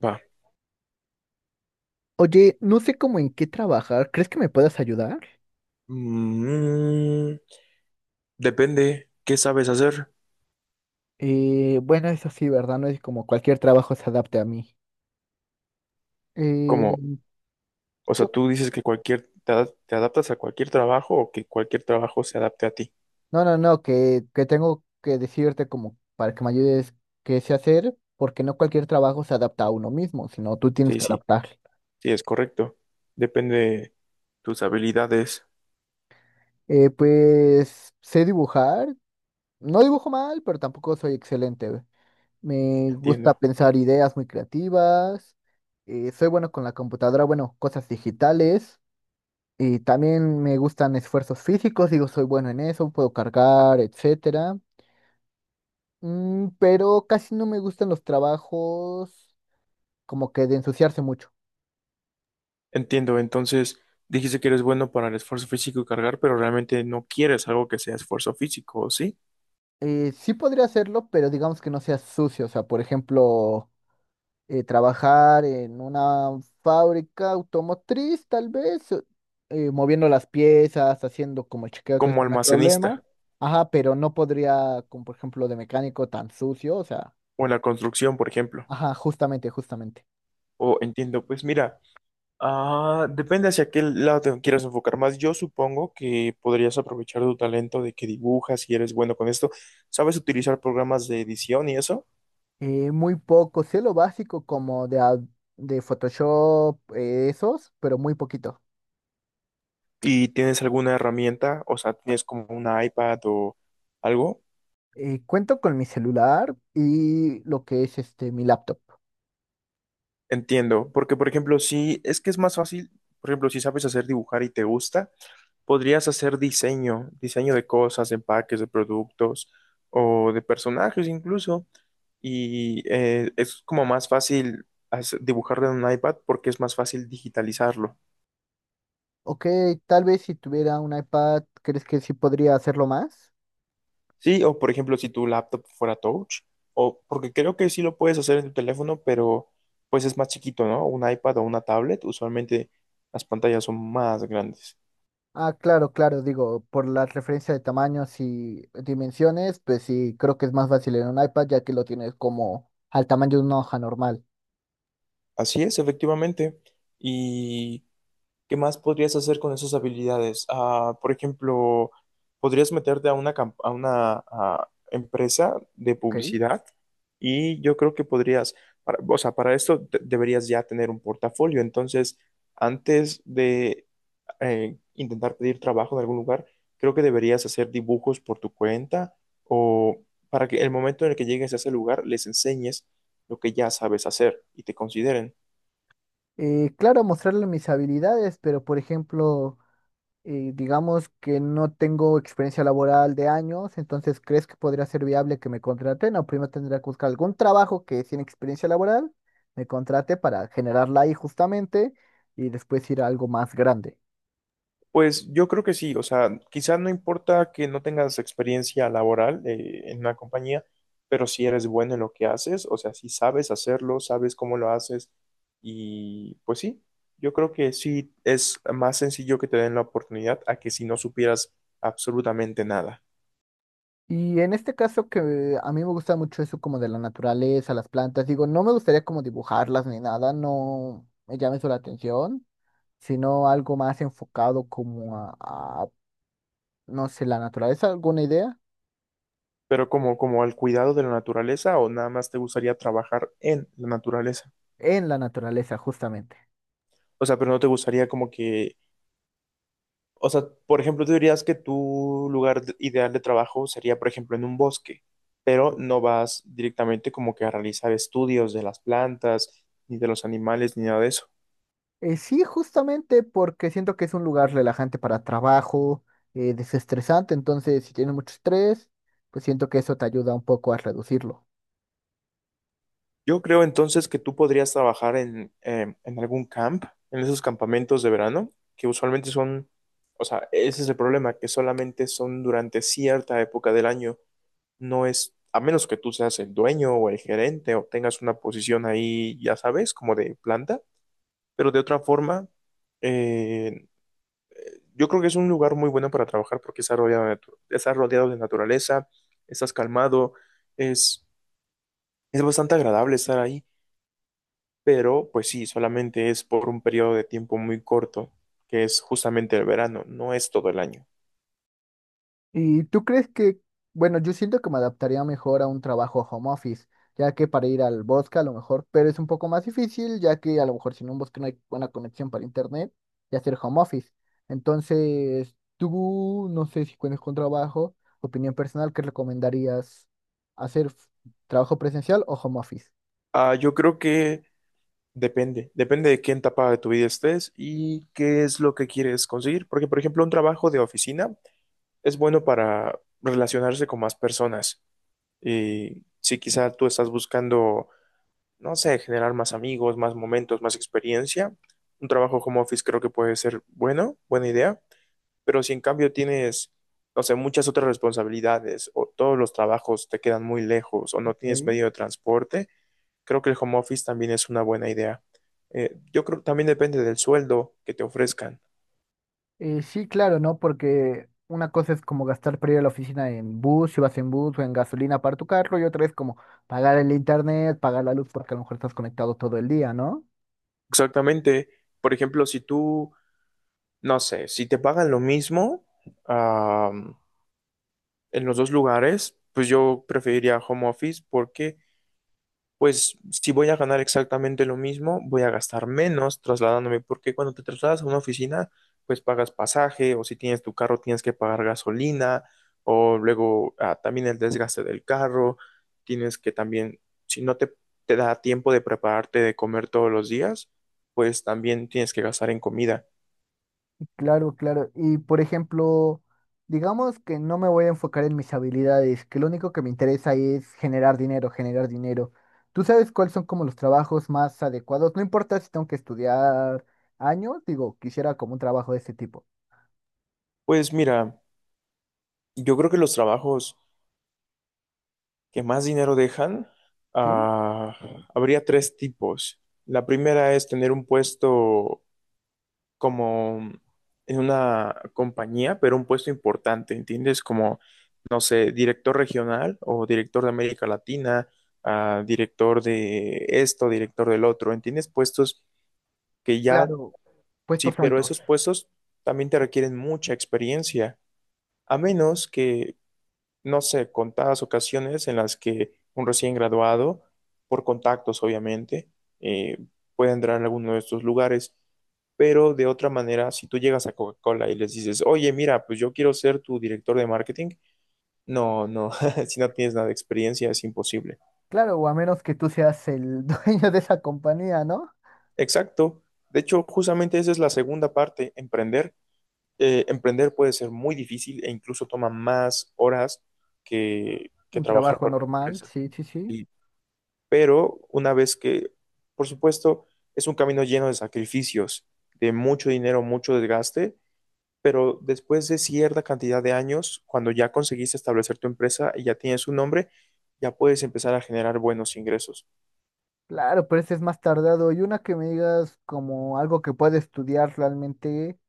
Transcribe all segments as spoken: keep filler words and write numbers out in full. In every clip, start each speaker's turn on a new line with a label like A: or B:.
A: Va.
B: Oye, no sé cómo en qué trabajar. ¿Crees que me puedas ayudar?
A: Mm, Depende qué sabes hacer.
B: Eh, bueno, eso sí, ¿verdad? No es como cualquier trabajo se adapte a mí. Eh,
A: Como, o sea,
B: yo-
A: tú dices que cualquier, te, ad- te adaptas a cualquier trabajo o que cualquier trabajo se adapte a ti.
B: no, no, no, que, que tengo que decirte como para que me ayudes qué sé hacer, porque no cualquier trabajo se adapta a uno mismo, sino tú tienes
A: Sí,
B: que
A: sí,
B: adaptar.
A: sí, es correcto. Depende de tus habilidades.
B: Eh, pues sé dibujar. No dibujo mal, pero tampoco soy excelente. Me gusta
A: Entiendo.
B: pensar ideas muy creativas. Eh, soy bueno con la computadora, bueno, cosas digitales. Y también me gustan esfuerzos físicos, digo, soy bueno en eso, puedo cargar, etcétera. Mm, pero casi no me gustan los trabajos como que de ensuciarse mucho.
A: Entiendo. Entonces, dijiste que eres bueno para el esfuerzo físico y cargar, pero realmente no quieres algo que sea esfuerzo físico, ¿sí?
B: Eh, sí podría hacerlo, pero digamos que no sea sucio. O sea, por ejemplo, eh, trabajar en una fábrica automotriz, tal vez, o- eh, moviendo las piezas, haciendo como el chequeo, todo
A: Como
B: esto no hay problema.
A: almacenista
B: Ajá, pero no podría, como por ejemplo de mecánico tan sucio, o sea,
A: o en la construcción, por ejemplo.
B: ajá, justamente, justamente.
A: O entiendo, pues mira. Ah, depende hacia qué lado te quieras enfocar más. Yo supongo que podrías aprovechar tu talento de que dibujas y eres bueno con esto. ¿Sabes utilizar programas de edición y eso?
B: Eh, muy poco, sé lo básico como de, a- de Photoshop, eh, esos, pero muy poquito.
A: ¿Y tienes alguna herramienta? O sea, ¿tienes como una iPad o algo?
B: Eh, cuento con mi celular y lo que es este mi laptop.
A: Entiendo, porque por ejemplo, si es que es más fácil, por ejemplo, si sabes hacer dibujar y te gusta, podrías hacer diseño, diseño de cosas, de empaques, de productos o de personajes incluso. Y eh, es como más fácil hace- dibujarlo en un iPad porque es más fácil digitalizarlo.
B: Ok, tal vez si tuviera un iPad, ¿crees que sí podría hacerlo más?
A: Sí, o por ejemplo, si tu laptop fuera touch, o porque creo que sí lo puedes hacer en tu teléfono, pero pues es más chiquito, ¿no? Un iPad o una tablet, usualmente las pantallas son más grandes.
B: Ah, claro, claro, digo, por la referencia de tamaños y dimensiones, pues sí, creo que es más fácil en un iPad ya que lo tienes como al tamaño de una hoja normal,
A: Así es, efectivamente. Y ¿qué más podrías hacer con esas habilidades? Ah, por ejemplo, podrías meterte a una, camp- a una ah, empresa de
B: ¿ok?
A: publicidad y yo creo que podrías, para- o sea, para esto te- deberías ya tener un portafolio. Entonces, antes de eh, intentar pedir trabajo en algún lugar, creo que deberías hacer dibujos por tu cuenta o para que el momento en el que llegues a ese lugar les enseñes lo que ya sabes hacer y te consideren.
B: Eh, claro, mostrarle mis habilidades, pero por ejemplo... Y digamos que no tengo experiencia laboral de años, entonces ¿crees que podría ser viable que me contraten? O primero tendría que buscar algún trabajo que sin experiencia laboral me contrate para generarla ahí justamente y después ir a algo más grande.
A: Pues yo creo que sí, o sea, quizás no importa que no tengas experiencia laboral eh, en una compañía, pero si eres bueno en lo que haces, o sea, si sabes hacerlo, sabes cómo lo haces y pues sí, yo creo que sí es más sencillo que te den la oportunidad a que si no supieras absolutamente nada.
B: Y en este caso que a mí me gusta mucho eso como de la naturaleza, las plantas, digo, no me gustaría como dibujarlas ni nada, no me llama eso la atención, sino algo más enfocado como a, a, no sé, la naturaleza, alguna idea
A: Pero como como al cuidado de la naturaleza o nada más te gustaría trabajar en la naturaleza,
B: en la naturaleza justamente.
A: o sea, pero no te gustaría como que. O sea, por ejemplo, tú dirías que tu lugar de- ideal de trabajo sería, por ejemplo, en un bosque, pero no vas directamente como que a realizar estudios de las plantas, ni de los animales, ni nada de eso.
B: Eh, sí, justamente porque siento que es un lugar relajante para trabajo, eh, desestresante, entonces si tienes mucho estrés, pues siento que eso te ayuda un poco a reducirlo.
A: Yo creo entonces que tú podrías trabajar en, eh, en algún camp, en esos campamentos de verano, que usualmente son, o sea, ese es el problema, que solamente son durante cierta época del año. No es, a menos que tú seas el dueño o el gerente o tengas una posición ahí, ya sabes, como de planta. Pero de otra forma, eh, yo creo que es un lugar muy bueno para trabajar porque está rodeado de, natu- está rodeado de naturaleza, estás calmado, es, es bastante agradable estar ahí, pero pues sí, solamente es por un periodo de tiempo muy corto, que es justamente el verano, no es todo el año.
B: ¿Y tú crees que, bueno, yo siento que me adaptaría mejor a un trabajo home office, ya que para ir al bosque a lo mejor, pero es un poco más difícil, ya que a lo mejor si en un bosque no hay buena conexión para internet y hacer home office? Entonces, tú, no sé si cuentas con trabajo, opinión personal, ¿qué recomendarías hacer f- trabajo presencial o home office?
A: Ah, yo creo que depende, depende de qué etapa de tu vida estés y qué es lo que quieres conseguir, porque por ejemplo un trabajo de oficina es bueno para relacionarse con más personas. Y si quizá tú estás buscando, no sé, generar más amigos, más momentos, más experiencia, un trabajo home office creo que puede ser bueno, buena idea, pero si en cambio tienes, no sé, muchas otras responsabilidades o todos los trabajos te quedan muy lejos o no tienes
B: Ok.
A: medio de transporte, creo que el home office también es una buena idea. Eh, yo creo que también depende del sueldo que te ofrezcan.
B: Eh, sí, claro, ¿no? Porque una cosa es como gastar para ir a la oficina en bus, si vas en bus o en gasolina para tu carro, y otra es como pagar el internet, pagar la luz, porque a lo mejor estás conectado todo el día, ¿no?
A: Exactamente. Por ejemplo, si tú, no sé, si te pagan lo mismo, ah, en los dos lugares, pues yo preferiría home office porque, pues, si voy a ganar exactamente lo mismo, voy a gastar menos trasladándome, porque cuando te trasladas a una oficina, pues pagas pasaje o si tienes tu carro tienes que pagar gasolina o luego ah, también el desgaste del carro, tienes que también, si no te, te da tiempo de prepararte de comer todos los días, pues también tienes que gastar en comida.
B: Y claro, claro. Y por ejemplo, digamos que no me voy a enfocar en mis habilidades, que lo único que me interesa es generar dinero, generar dinero. ¿Tú sabes cuáles son como los trabajos más adecuados? No importa si tengo que estudiar años, digo, quisiera como un trabajo de ese tipo.
A: Pues mira, yo creo que los trabajos que más dinero dejan,
B: Sí,
A: ah, habría tres tipos. La primera es tener un puesto como en una compañía, pero un puesto importante, ¿entiendes? Como, no sé, director regional o director de América Latina, ah, director de esto, director del otro, ¿entiendes? Puestos que ya,
B: claro,
A: sí,
B: puestos
A: pero
B: altos.
A: esos puestos también te requieren mucha experiencia, a menos que no sé, contadas ocasiones en las que un recién graduado, por contactos obviamente, eh, puede entrar en alguno de estos lugares. Pero de otra manera, si tú llegas a Coca-Cola y les dices, oye, mira, pues yo quiero ser tu director de marketing, no, no, si no tienes nada de experiencia es imposible.
B: Claro, o a menos que tú seas el dueño de esa compañía, ¿no?
A: Exacto. De hecho, justamente esa es la segunda parte, emprender. Eh, emprender puede ser muy difícil e incluso toma más horas que, que
B: Un
A: trabajar
B: trabajo
A: para una
B: normal,
A: empresa.
B: sí, sí, sí.
A: Pero una vez que, por supuesto, es un camino lleno de sacrificios, de mucho dinero, mucho desgaste, pero después de cierta cantidad de años, cuando ya conseguiste establecer tu empresa y ya tienes un nombre, ya puedes empezar a generar buenos ingresos.
B: Claro, pero ese es más tardado. Y una que me digas como algo que puede estudiar realmente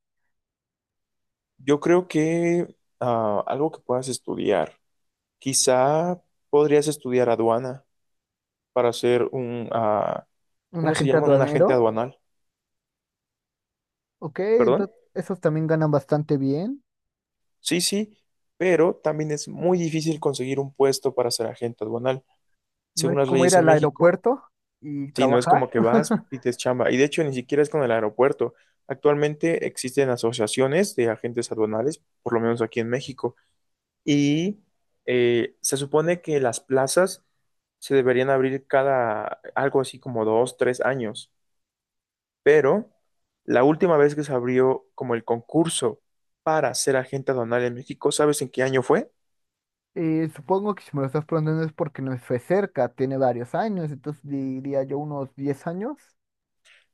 A: Yo creo que ah, algo que puedas estudiar, quizá podrías estudiar aduana para ser un, ah,
B: un
A: ¿cómo se
B: agente
A: llama? Un agente
B: aduanero,
A: aduanal,
B: ok,
A: ¿perdón?
B: entonces esos también ganan bastante bien.
A: Sí, sí, pero también es muy difícil conseguir un puesto para ser agente aduanal.
B: No
A: Según
B: es
A: las
B: como ir
A: leyes en
B: al
A: México,
B: aeropuerto y
A: si no es
B: trabajar.
A: como que vas, pides chamba. Y de hecho, ni siquiera es con el aeropuerto. Actualmente existen asociaciones de agentes aduanales, por lo menos aquí en México. Y eh, se supone que las plazas se deberían abrir cada, algo así como dos, tres años. Pero la última vez que se abrió como el concurso para ser agente aduanal en México, ¿sabes en qué año fue?
B: Eh, supongo que si me lo estás preguntando es porque no fue cerca, tiene varios años, entonces diría yo unos diez años.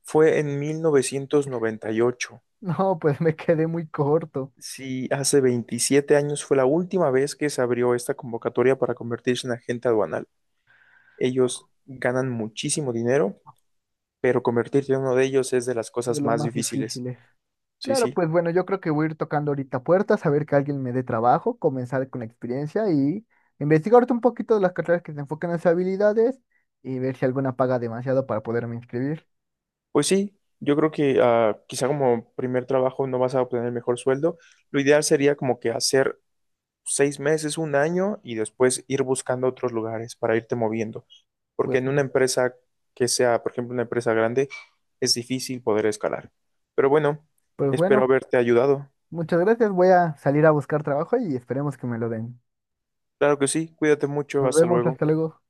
A: Fue en mil novecientos noventa y ocho.
B: No, pues me quedé muy corto
A: Sí, hace veintisiete años fue la última vez que se abrió esta convocatoria para convertirse en agente aduanal. Ellos ganan muchísimo dinero, pero convertirse en uno de ellos es de las
B: de
A: cosas
B: lo
A: más
B: más
A: difíciles.
B: difíciles.
A: Sí,
B: Claro,
A: sí.
B: pues bueno, yo creo que voy a ir tocando ahorita puertas, a ver que alguien me dé trabajo, comenzar con la experiencia y investigarte un poquito de las carreras que se enfocan en las habilidades y ver si alguna paga demasiado para poderme inscribir.
A: Pues sí, yo creo que ah, quizá como primer trabajo no vas a obtener el mejor sueldo. Lo ideal sería como que hacer seis meses, un año y después ir buscando otros lugares para irte moviendo. Porque
B: Pues,
A: en una empresa que sea, por ejemplo, una empresa grande, es difícil poder escalar. Pero bueno,
B: pues bueno,
A: espero haberte ayudado.
B: muchas gracias, voy a salir a buscar trabajo y esperemos que me lo den.
A: Claro que sí, cuídate mucho,
B: Nos
A: hasta
B: vemos,
A: luego.
B: hasta luego.